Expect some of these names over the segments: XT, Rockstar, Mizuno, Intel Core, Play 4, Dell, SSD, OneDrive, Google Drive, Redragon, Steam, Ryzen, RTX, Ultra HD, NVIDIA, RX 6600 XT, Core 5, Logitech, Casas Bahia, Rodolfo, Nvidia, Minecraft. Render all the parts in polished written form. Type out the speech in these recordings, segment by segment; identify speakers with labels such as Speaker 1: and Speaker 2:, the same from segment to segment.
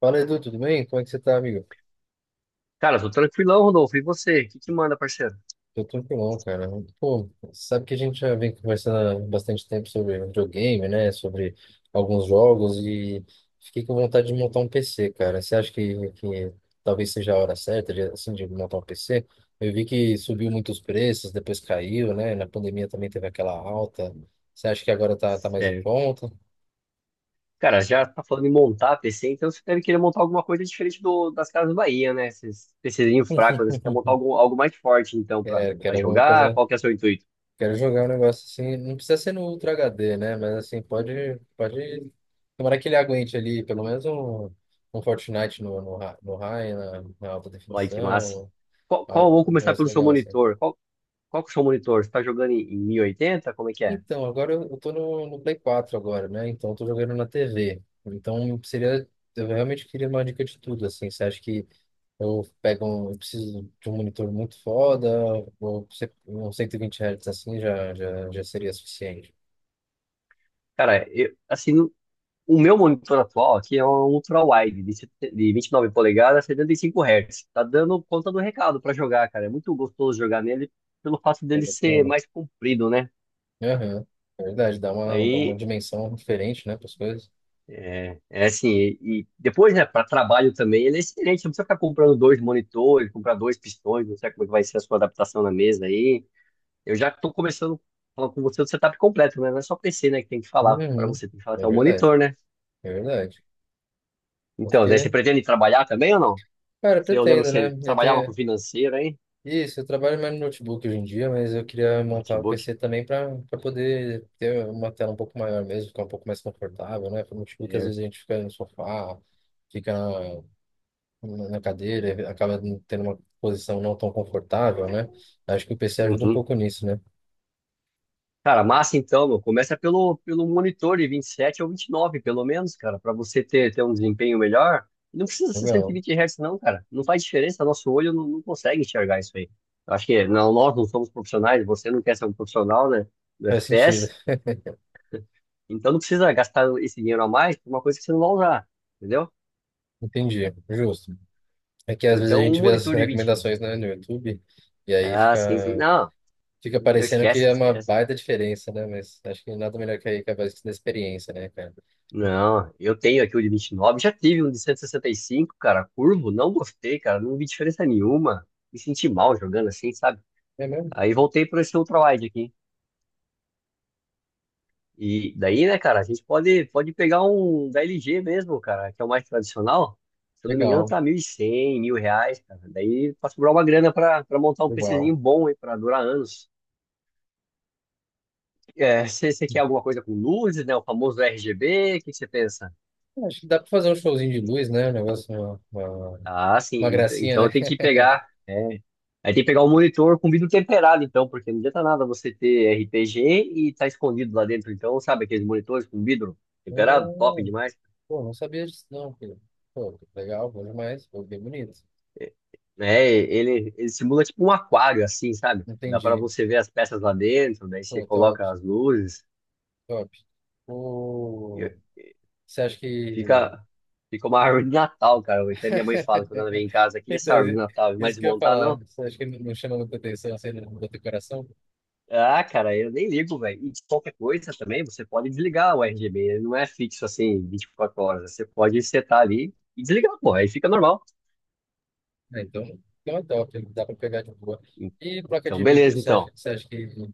Speaker 1: Fala, Edu, tudo bem? Como é que você tá, amigo?
Speaker 2: Cara, tô tranquilão, Rodolfo. E você? O que que manda, parceiro?
Speaker 1: Tô tranquilão, cara. Pô, sabe que a gente já vem conversando há bastante tempo sobre videogame, né? Sobre alguns jogos e fiquei com vontade de montar um PC, cara. Você acha que talvez seja a hora certa de, assim, de montar um PC? Eu vi que subiu muitos preços, depois caiu, né? Na pandemia também teve aquela alta. Você acha que agora tá mais em
Speaker 2: É,
Speaker 1: conta?
Speaker 2: cara, já tá falando em montar PC, então você deve querer montar alguma coisa diferente das Casas Bahia, né? Esses PCzinhos fracos, né? Você quer montar algo mais forte, então, pra,
Speaker 1: É,
Speaker 2: pra
Speaker 1: quero alguma coisa
Speaker 2: jogar?
Speaker 1: mais?
Speaker 2: Qual que é o seu intuito?
Speaker 1: Quero jogar um negócio assim, não precisa ser no Ultra HD, né? Mas assim, pode, tomara que ele aguente ali, pelo menos um, um Fortnite no high, na alta
Speaker 2: Olha que massa.
Speaker 1: definição,
Speaker 2: Qual, qual, vamos
Speaker 1: um
Speaker 2: começar
Speaker 1: negócio
Speaker 2: pelo seu
Speaker 1: legal assim.
Speaker 2: monitor. Qual que é o seu monitor? Você tá jogando em, em 1080? Como é que é?
Speaker 1: Então, agora eu tô no Play 4 agora, né? Então eu tô jogando na TV. Então seria, eu realmente queria uma dica de tudo, assim. Você acha que eu pego um, eu preciso de um monitor muito foda, ou um 120 Hz assim já seria suficiente?
Speaker 2: Cara, o meu monitor atual aqui é um ultra-wide, de 29 polegadas, 75 Hz. Tá dando conta do recado pra jogar, cara. É muito gostoso jogar nele pelo fato dele ser mais comprido, né?
Speaker 1: Aham. É verdade, dá uma
Speaker 2: Aí,
Speaker 1: dimensão diferente, né, para as coisas.
Speaker 2: é assim, e depois, né, para trabalho também, ele é excelente. Não precisa ficar comprando dois monitores, comprar dois pistões, não sei como é que vai ser a sua adaptação na mesa aí. Eu já tô começando a falar com você do setup completo, né? Não é só PC, né, que tem que falar. Pra
Speaker 1: Uhum.
Speaker 2: você tem que falar
Speaker 1: É
Speaker 2: até o
Speaker 1: verdade,
Speaker 2: monitor, né?
Speaker 1: é verdade.
Speaker 2: Então, daí você
Speaker 1: Porque,
Speaker 2: pretende trabalhar também ou não?
Speaker 1: cara, eu
Speaker 2: Se eu lembro que
Speaker 1: pretendo, né?
Speaker 2: você
Speaker 1: Eu
Speaker 2: trabalhava com
Speaker 1: tenho.
Speaker 2: financeiro, hein?
Speaker 1: Isso, eu trabalho mais no notebook hoje em dia, mas eu queria montar o
Speaker 2: Notebook?
Speaker 1: PC também para poder ter uma tela um pouco maior mesmo, ficar um pouco mais confortável, né? Porque o notebook às vezes
Speaker 2: Certo.
Speaker 1: a gente fica no sofá, fica na cadeira, e acaba não tendo uma posição não tão confortável, né? Acho que o PC ajuda um
Speaker 2: Uhum.
Speaker 1: pouco nisso, né?
Speaker 2: Cara, massa então, meu. Começa pelo monitor de 27 ou 29, pelo menos, cara, para você ter um desempenho melhor. Não precisa ser
Speaker 1: Legal,
Speaker 2: 120 Hz, não, cara. Não faz diferença, nosso olho não consegue enxergar isso aí. Eu acho que não, nós não somos profissionais, você não quer ser um profissional, né, do
Speaker 1: faz sentido,
Speaker 2: FPS, então não precisa gastar esse dinheiro a mais por uma coisa que você não vai usar, entendeu?
Speaker 1: entendi, justo. É que às vezes a
Speaker 2: Então, um
Speaker 1: gente vê as
Speaker 2: monitor de 20.
Speaker 1: recomendações, né, no YouTube, e aí
Speaker 2: Ah, sim, sim.
Speaker 1: fica,
Speaker 2: Não,
Speaker 1: fica
Speaker 2: meu,
Speaker 1: parecendo que
Speaker 2: esquece,
Speaker 1: é uma
Speaker 2: esquece.
Speaker 1: baita diferença, né? Mas acho que nada melhor que aí que a voz da experiência, né, cara?
Speaker 2: Não, eu tenho aqui o de 29. Já tive um de cento e sessenta e cinco, cara, curvo, não gostei, cara, não vi diferença nenhuma, me senti mal jogando assim, sabe?
Speaker 1: É mesmo?
Speaker 2: Aí voltei para esse ultrawide aqui. E daí, né, cara, a gente pode pegar um da LG mesmo, cara, que é o mais tradicional. Se eu não me engano,
Speaker 1: Legal,
Speaker 2: tá 1.100 mil reais, cara. Daí pra sobrar uma grana pra montar um PCzinho
Speaker 1: legal.
Speaker 2: bom aí, pra durar anos. É, você quer alguma coisa com luzes, né? O famoso RGB, o que você pensa?
Speaker 1: É, acho que dá pra fazer um showzinho de luz, né? Um negócio, uma, uma,
Speaker 2: Ah, sim.
Speaker 1: uma
Speaker 2: Ent-
Speaker 1: gracinha, né?
Speaker 2: Então tem que pegar. É. Aí tem que pegar o monitor com vidro temperado, então, porque não adianta nada você ter RPG e tá escondido lá dentro. Então, sabe aqueles monitores com vidro temperado? Top
Speaker 1: Ah,
Speaker 2: demais.
Speaker 1: pô, não sabia disso não, filho. Pô, legal, bom demais, pô, bem bonito.
Speaker 2: É, ele simula tipo um aquário, assim, sabe? Dá para
Speaker 1: Entendi.
Speaker 2: você ver as peças lá dentro, daí você
Speaker 1: Pô, top,
Speaker 2: coloca as luzes.
Speaker 1: top. Pô,
Speaker 2: e
Speaker 1: você acha que
Speaker 2: fica, fica uma árvore de Natal, cara. Até minha mãe fala quando ela vem em casa aqui,
Speaker 1: Então,
Speaker 2: essa árvore de Natal, vai
Speaker 1: isso que eu ia
Speaker 2: desmontar,
Speaker 1: falar.
Speaker 2: não?
Speaker 1: Você acha que não chama muita atenção, assim, não bota o coração?
Speaker 2: Ah, cara, eu nem ligo, velho. E qualquer coisa também, você pode desligar o RGB. Ele não é fixo assim, 24 horas. Você pode setar ali e desligar, pô. Aí fica normal.
Speaker 1: Ah, então, então é top, dá pra pegar de boa. E placa
Speaker 2: Então,
Speaker 1: de vídeo,
Speaker 2: beleza,
Speaker 1: você acha,
Speaker 2: então.
Speaker 1: você acha que, você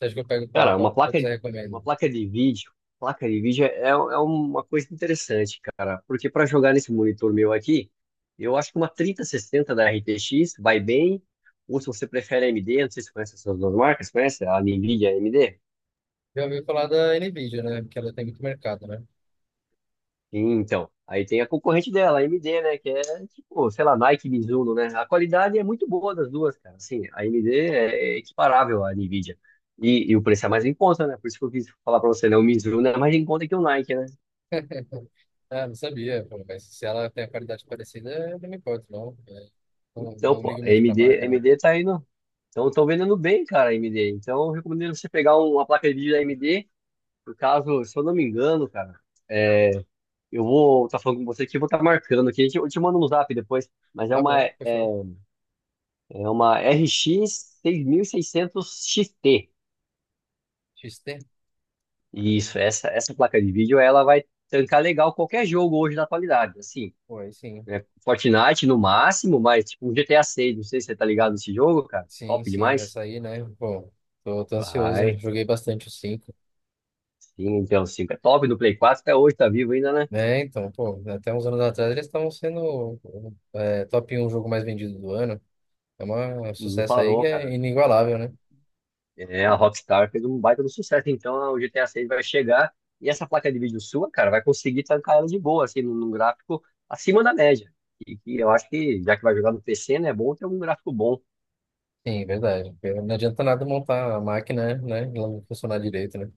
Speaker 1: acha que eu pego qual?
Speaker 2: Cara,
Speaker 1: Qual, qual que você recomenda?
Speaker 2: uma placa de vídeo é uma coisa interessante, cara. Porque para jogar nesse monitor meu aqui, eu acho que uma 3060 da RTX vai bem. Ou se você prefere AMD, não sei se você conhece essas duas marcas, conhece? A NVIDIA e a AMD?
Speaker 1: Eu ouvi falar da Nvidia, né? Porque ela tem muito mercado, né?
Speaker 2: Sim, então, aí tem a concorrente dela, a AMD, né? Que é tipo, sei lá, Nike, Mizuno, né? A qualidade é muito boa das duas, cara. Assim, a AMD é equiparável à Nvidia. E o preço é mais em conta, né? Por isso que eu quis falar pra você, né? O Mizuno é mais em conta que o Nike, né?
Speaker 1: Ah, não sabia, pô, mas se ela tem a qualidade parecida, eu não me importo, não. É, não,
Speaker 2: Então,
Speaker 1: não
Speaker 2: pô,
Speaker 1: ligo
Speaker 2: a
Speaker 1: muito pra
Speaker 2: AMD, a
Speaker 1: marca, não.
Speaker 2: AMD tá indo. Então, estão vendendo bem, cara, a AMD. Então, eu recomendo você pegar uma placa de vídeo da AMD. No caso, se eu não me engano, cara, é, eu vou estar falando com você aqui, eu vou estar marcando aqui. Eu te mando no zap depois, mas é
Speaker 1: Tá
Speaker 2: uma
Speaker 1: bom,
Speaker 2: é,
Speaker 1: fechou.
Speaker 2: É uma RX 6600 XT.
Speaker 1: XT?
Speaker 2: Isso, essa placa de vídeo ela vai tancar legal qualquer jogo hoje na atualidade, assim,
Speaker 1: Pô, aí sim.
Speaker 2: né? Fortnite no máximo, mas tipo um GTA 6, não sei se você tá ligado nesse jogo, cara.
Speaker 1: Sim,
Speaker 2: Top
Speaker 1: sim, vai
Speaker 2: demais.
Speaker 1: sair, né? Pô, tô ansioso, né?
Speaker 2: Vai.
Speaker 1: Joguei bastante o cinco.
Speaker 2: Sim, então 5 é top no Play 4 até hoje tá vivo ainda, né?
Speaker 1: Né, então, pô, até uns anos atrás eles estavam sendo é, top um jogo mais vendido do ano. É uma- É um
Speaker 2: Não
Speaker 1: sucesso aí
Speaker 2: parou,
Speaker 1: que é
Speaker 2: cara.
Speaker 1: inigualável, né?
Speaker 2: É, a Rockstar fez um baita do sucesso, então o GTA 6 vai chegar e essa placa de vídeo sua, cara, vai conseguir tancar ela de boa, assim, num gráfico acima da média. E, que eu acho que, já que vai jogar no PC, né, é bom ter um gráfico bom.
Speaker 1: Sim, verdade. Porque não adianta nada montar a máquina, né? Ela não funcionar direito, né?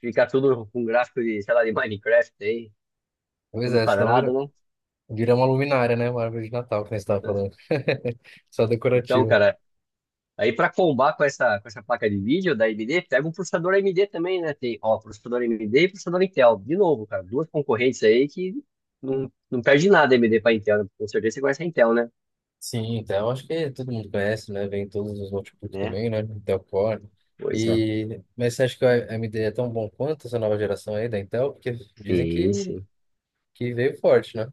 Speaker 2: Ficar tudo com gráfico de, sei lá, de Minecraft aí,
Speaker 1: Pois
Speaker 2: tudo
Speaker 1: é,
Speaker 2: quadrado, né?
Speaker 1: vira uma luminária, né? Uma árvore de Natal, que nem você estava falando. Só
Speaker 2: Então,
Speaker 1: decorativo.
Speaker 2: cara, aí pra combar com essa placa de vídeo da AMD, pega um processador AMD também, né? Tem, ó, processador AMD e processador Intel. De novo, cara, duas concorrentes aí que não perde nada a AMD pra Intel, né? Com certeza você conhece a Intel, né?
Speaker 1: Sim, Dell, acho que todo mundo conhece, né? Vem em todos os notebooks
Speaker 2: Né?
Speaker 1: também, né? Intel Core.
Speaker 2: Pois é.
Speaker 1: E, mas você acha que a AMD é tão bom quanto essa nova geração aí da Intel? Porque dizem
Speaker 2: Sim,
Speaker 1: que,
Speaker 2: sim.
Speaker 1: que veio forte, né?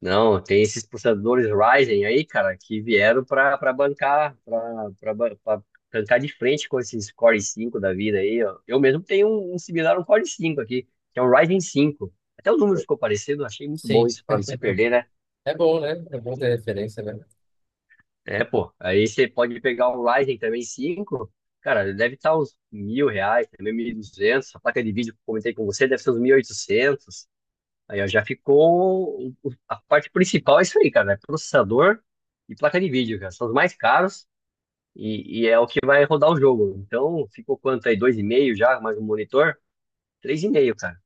Speaker 2: Não, tem esses processadores Ryzen aí, cara, que vieram para bancar, para bancar de frente com esses Core 5 da vida aí, ó. Eu mesmo tenho um similar, um Core 5 aqui, que é um Ryzen 5. Até o número ficou parecido, achei muito bom
Speaker 1: Sim.
Speaker 2: isso para não se perder, né?
Speaker 1: É bom, né? É bom ter referência, né?
Speaker 2: É, pô. Aí você pode pegar um Ryzen também 5, cara, deve estar uns 1.000 reais, também 1.200. A placa de vídeo que eu comentei com você deve ser uns 1.800. Aí ó, já ficou. A parte principal é isso aí, cara. É processador e placa de vídeo, cara. São os mais caros e é o que vai rodar o jogo. Então, ficou quanto aí? Dois e meio já, mais um monitor? Três e meio, cara.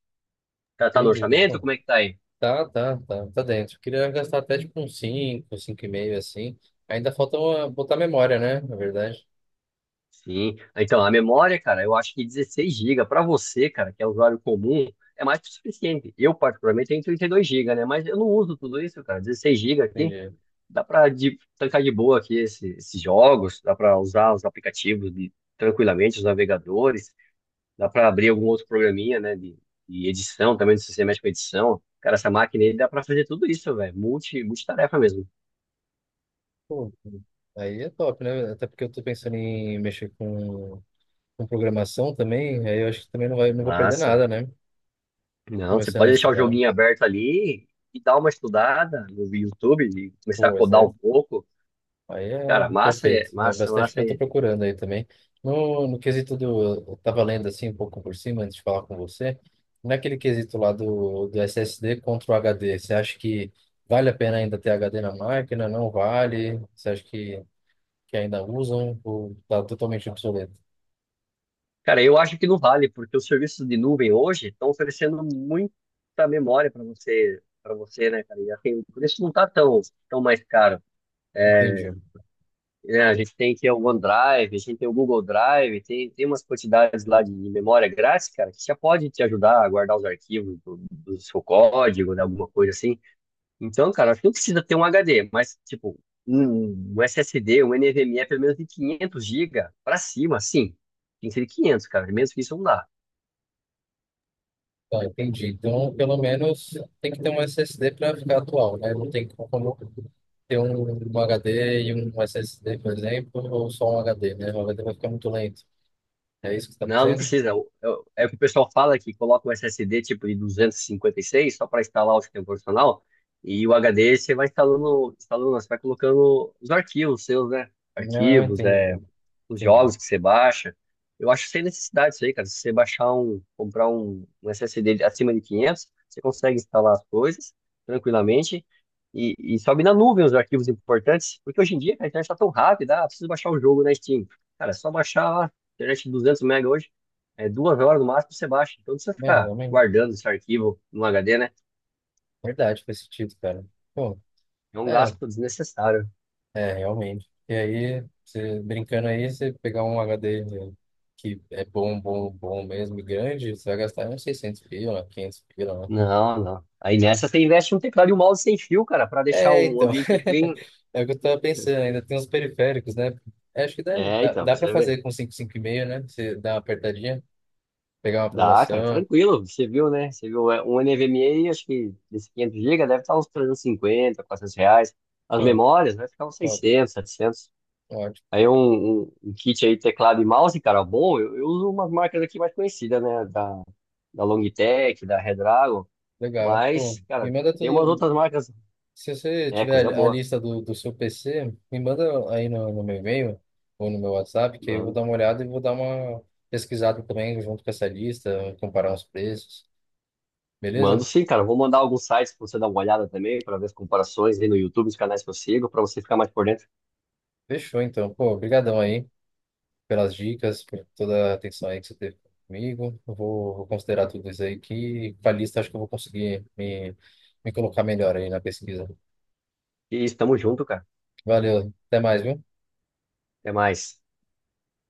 Speaker 2: Tá, tá no
Speaker 1: Entendi.
Speaker 2: orçamento?
Speaker 1: Bom,
Speaker 2: Como é que tá aí?
Speaker 1: tá dentro. Eu queria gastar até tipo uns cinco e meio assim. Ainda falta botar memória, né? Na verdade.
Speaker 2: Sim. Ah, então, a memória, cara, eu acho que 16 gigas para você, cara, que é usuário comum, é mais que o suficiente. Eu, particularmente, tenho 32 gigas, né? Mas eu não uso tudo isso, cara. 16 gigas aqui.
Speaker 1: Entendi.
Speaker 2: Dá para trancar de boa aqui esses jogos, dá para usar os aplicativos tranquilamente, os navegadores, dá para abrir algum outro programinha, né, de edição também, se você mexe com edição. Cara, essa máquina aí dá para fazer tudo isso, velho, multitarefa mesmo.
Speaker 1: Pô, aí é top, né? Até porque eu tô pensando em mexer com programação também, aí eu acho que também não vou perder
Speaker 2: Massa.
Speaker 1: nada, né?
Speaker 2: Não, você
Speaker 1: Começando a
Speaker 2: pode deixar o
Speaker 1: estudar.
Speaker 2: joguinho aberto ali e dar uma estudada no YouTube e começar a
Speaker 1: Pois
Speaker 2: codar
Speaker 1: é.
Speaker 2: um pouco.
Speaker 1: Aí é
Speaker 2: Cara, massa,
Speaker 1: perfeito. É
Speaker 2: massa,
Speaker 1: bastante o que eu
Speaker 2: massa.
Speaker 1: estou procurando aí também. No quesito do. Eu estava lendo assim um pouco por cima antes de falar com você. Naquele quesito lá do SSD contra o HD, você acha que vale a pena ainda ter HD na máquina? Não vale? Você acha que ainda usam? Ou tá totalmente obsoleto?
Speaker 2: Cara, eu acho que não vale, porque os serviços de nuvem hoje estão oferecendo muita memória para você, né, cara? E assim, o preço não está tão mais caro.
Speaker 1: Entendi.
Speaker 2: Né? A gente tem que o OneDrive, a gente tem o Google Drive, tem umas quantidades lá de memória grátis, cara, que já pode te ajudar a guardar os arquivos do seu código, né, alguma coisa assim. Então, cara, acho que não precisa ter um HD, mas, tipo, um SSD, um NVMe, pelo menos de 500 GB para cima, sim. Tem que ser de 500, cara, menos que isso não dá.
Speaker 1: Tá, entendi. Então, pelo menos tem que ter um SSD para ficar atual, né? Não tem como ter um HD e um SSD, por exemplo, ou só um HD, né? O HD vai ficar muito lento. É isso que você está
Speaker 2: Não, não
Speaker 1: dizendo?
Speaker 2: precisa. É o que o pessoal fala que coloca um SSD tipo de duzentos e cinquenta e seis só para instalar o sistema operacional e o HD você vai instalando, instalando, você vai colocando os arquivos seus, né?
Speaker 1: Não,
Speaker 2: Arquivos,
Speaker 1: entendi.
Speaker 2: é, os
Speaker 1: Entendi.
Speaker 2: jogos que você baixa. Eu acho sem necessidade isso aí, cara. Se você comprar um SSD acima de 500, você consegue instalar as coisas tranquilamente e sobe na nuvem os arquivos importantes, porque hoje em dia cara, a internet está tão rápida. Ah, preciso baixar o jogo na Steam. Cara, é só baixar lá, internet de 200 mega hoje, é 2 horas no máximo você baixa. Então não precisa
Speaker 1: É,
Speaker 2: ficar
Speaker 1: realmente.
Speaker 2: guardando esse arquivo no HD, né?
Speaker 1: Verdade, faz sentido, cara. Pô,
Speaker 2: É um
Speaker 1: é,
Speaker 2: gasto desnecessário.
Speaker 1: é, realmente. E aí, você brincando aí, você pegar um HD que é bom mesmo, e grande, você vai gastar uns 600 pila, 500 pila.
Speaker 2: Não, não. Aí nessa você investe um teclado e um mouse sem fio, cara, para deixar
Speaker 1: É,
Speaker 2: um
Speaker 1: então.
Speaker 2: ambiente clean.
Speaker 1: É o que eu tava pensando, ainda tem os periféricos, né? É, acho que
Speaker 2: É, então,
Speaker 1: dá
Speaker 2: pra
Speaker 1: pra
Speaker 2: você ver.
Speaker 1: fazer com cinco e meio, né? Você dá uma apertadinha, pegar uma
Speaker 2: Dá, cara,
Speaker 1: promoção.
Speaker 2: tranquilo. Você viu, né? Você viu um NVMe, acho que desse 500 GB deve estar uns trezentos e cinquenta, 400 reais. As
Speaker 1: Pô,
Speaker 2: memórias vai ficar uns
Speaker 1: top,
Speaker 2: seiscentos, setecentos.
Speaker 1: ótimo,
Speaker 2: Aí um kit aí, teclado e mouse, cara, bom. Eu uso umas marcas aqui mais conhecidas, né? Da Logitech, da Redragon.
Speaker 1: legal. Pô,
Speaker 2: Mas,
Speaker 1: me
Speaker 2: cara,
Speaker 1: manda
Speaker 2: tem umas
Speaker 1: tudo.
Speaker 2: outras marcas.
Speaker 1: Se você
Speaker 2: É, coisa
Speaker 1: tiver a
Speaker 2: boa.
Speaker 1: lista do seu PC, me manda aí no meu e-mail ou no meu WhatsApp, que aí eu vou
Speaker 2: Mano.
Speaker 1: dar uma olhada e vou dar uma pesquisada também junto com essa lista, comparar os preços,
Speaker 2: Mando
Speaker 1: beleza?
Speaker 2: sim, cara. Vou mandar alguns sites pra você dar uma olhada também, pra ver as comparações aí no YouTube, os canais que eu sigo, pra você ficar mais por dentro.
Speaker 1: Fechou, então. Pô, brigadão aí pelas dicas, por toda a atenção aí que você teve comigo. Vou considerar tudo isso aí que com a lista acho que eu vou conseguir me colocar melhor aí na pesquisa.
Speaker 2: E estamos junto, cara.
Speaker 1: Valeu, até mais, viu?
Speaker 2: Até mais.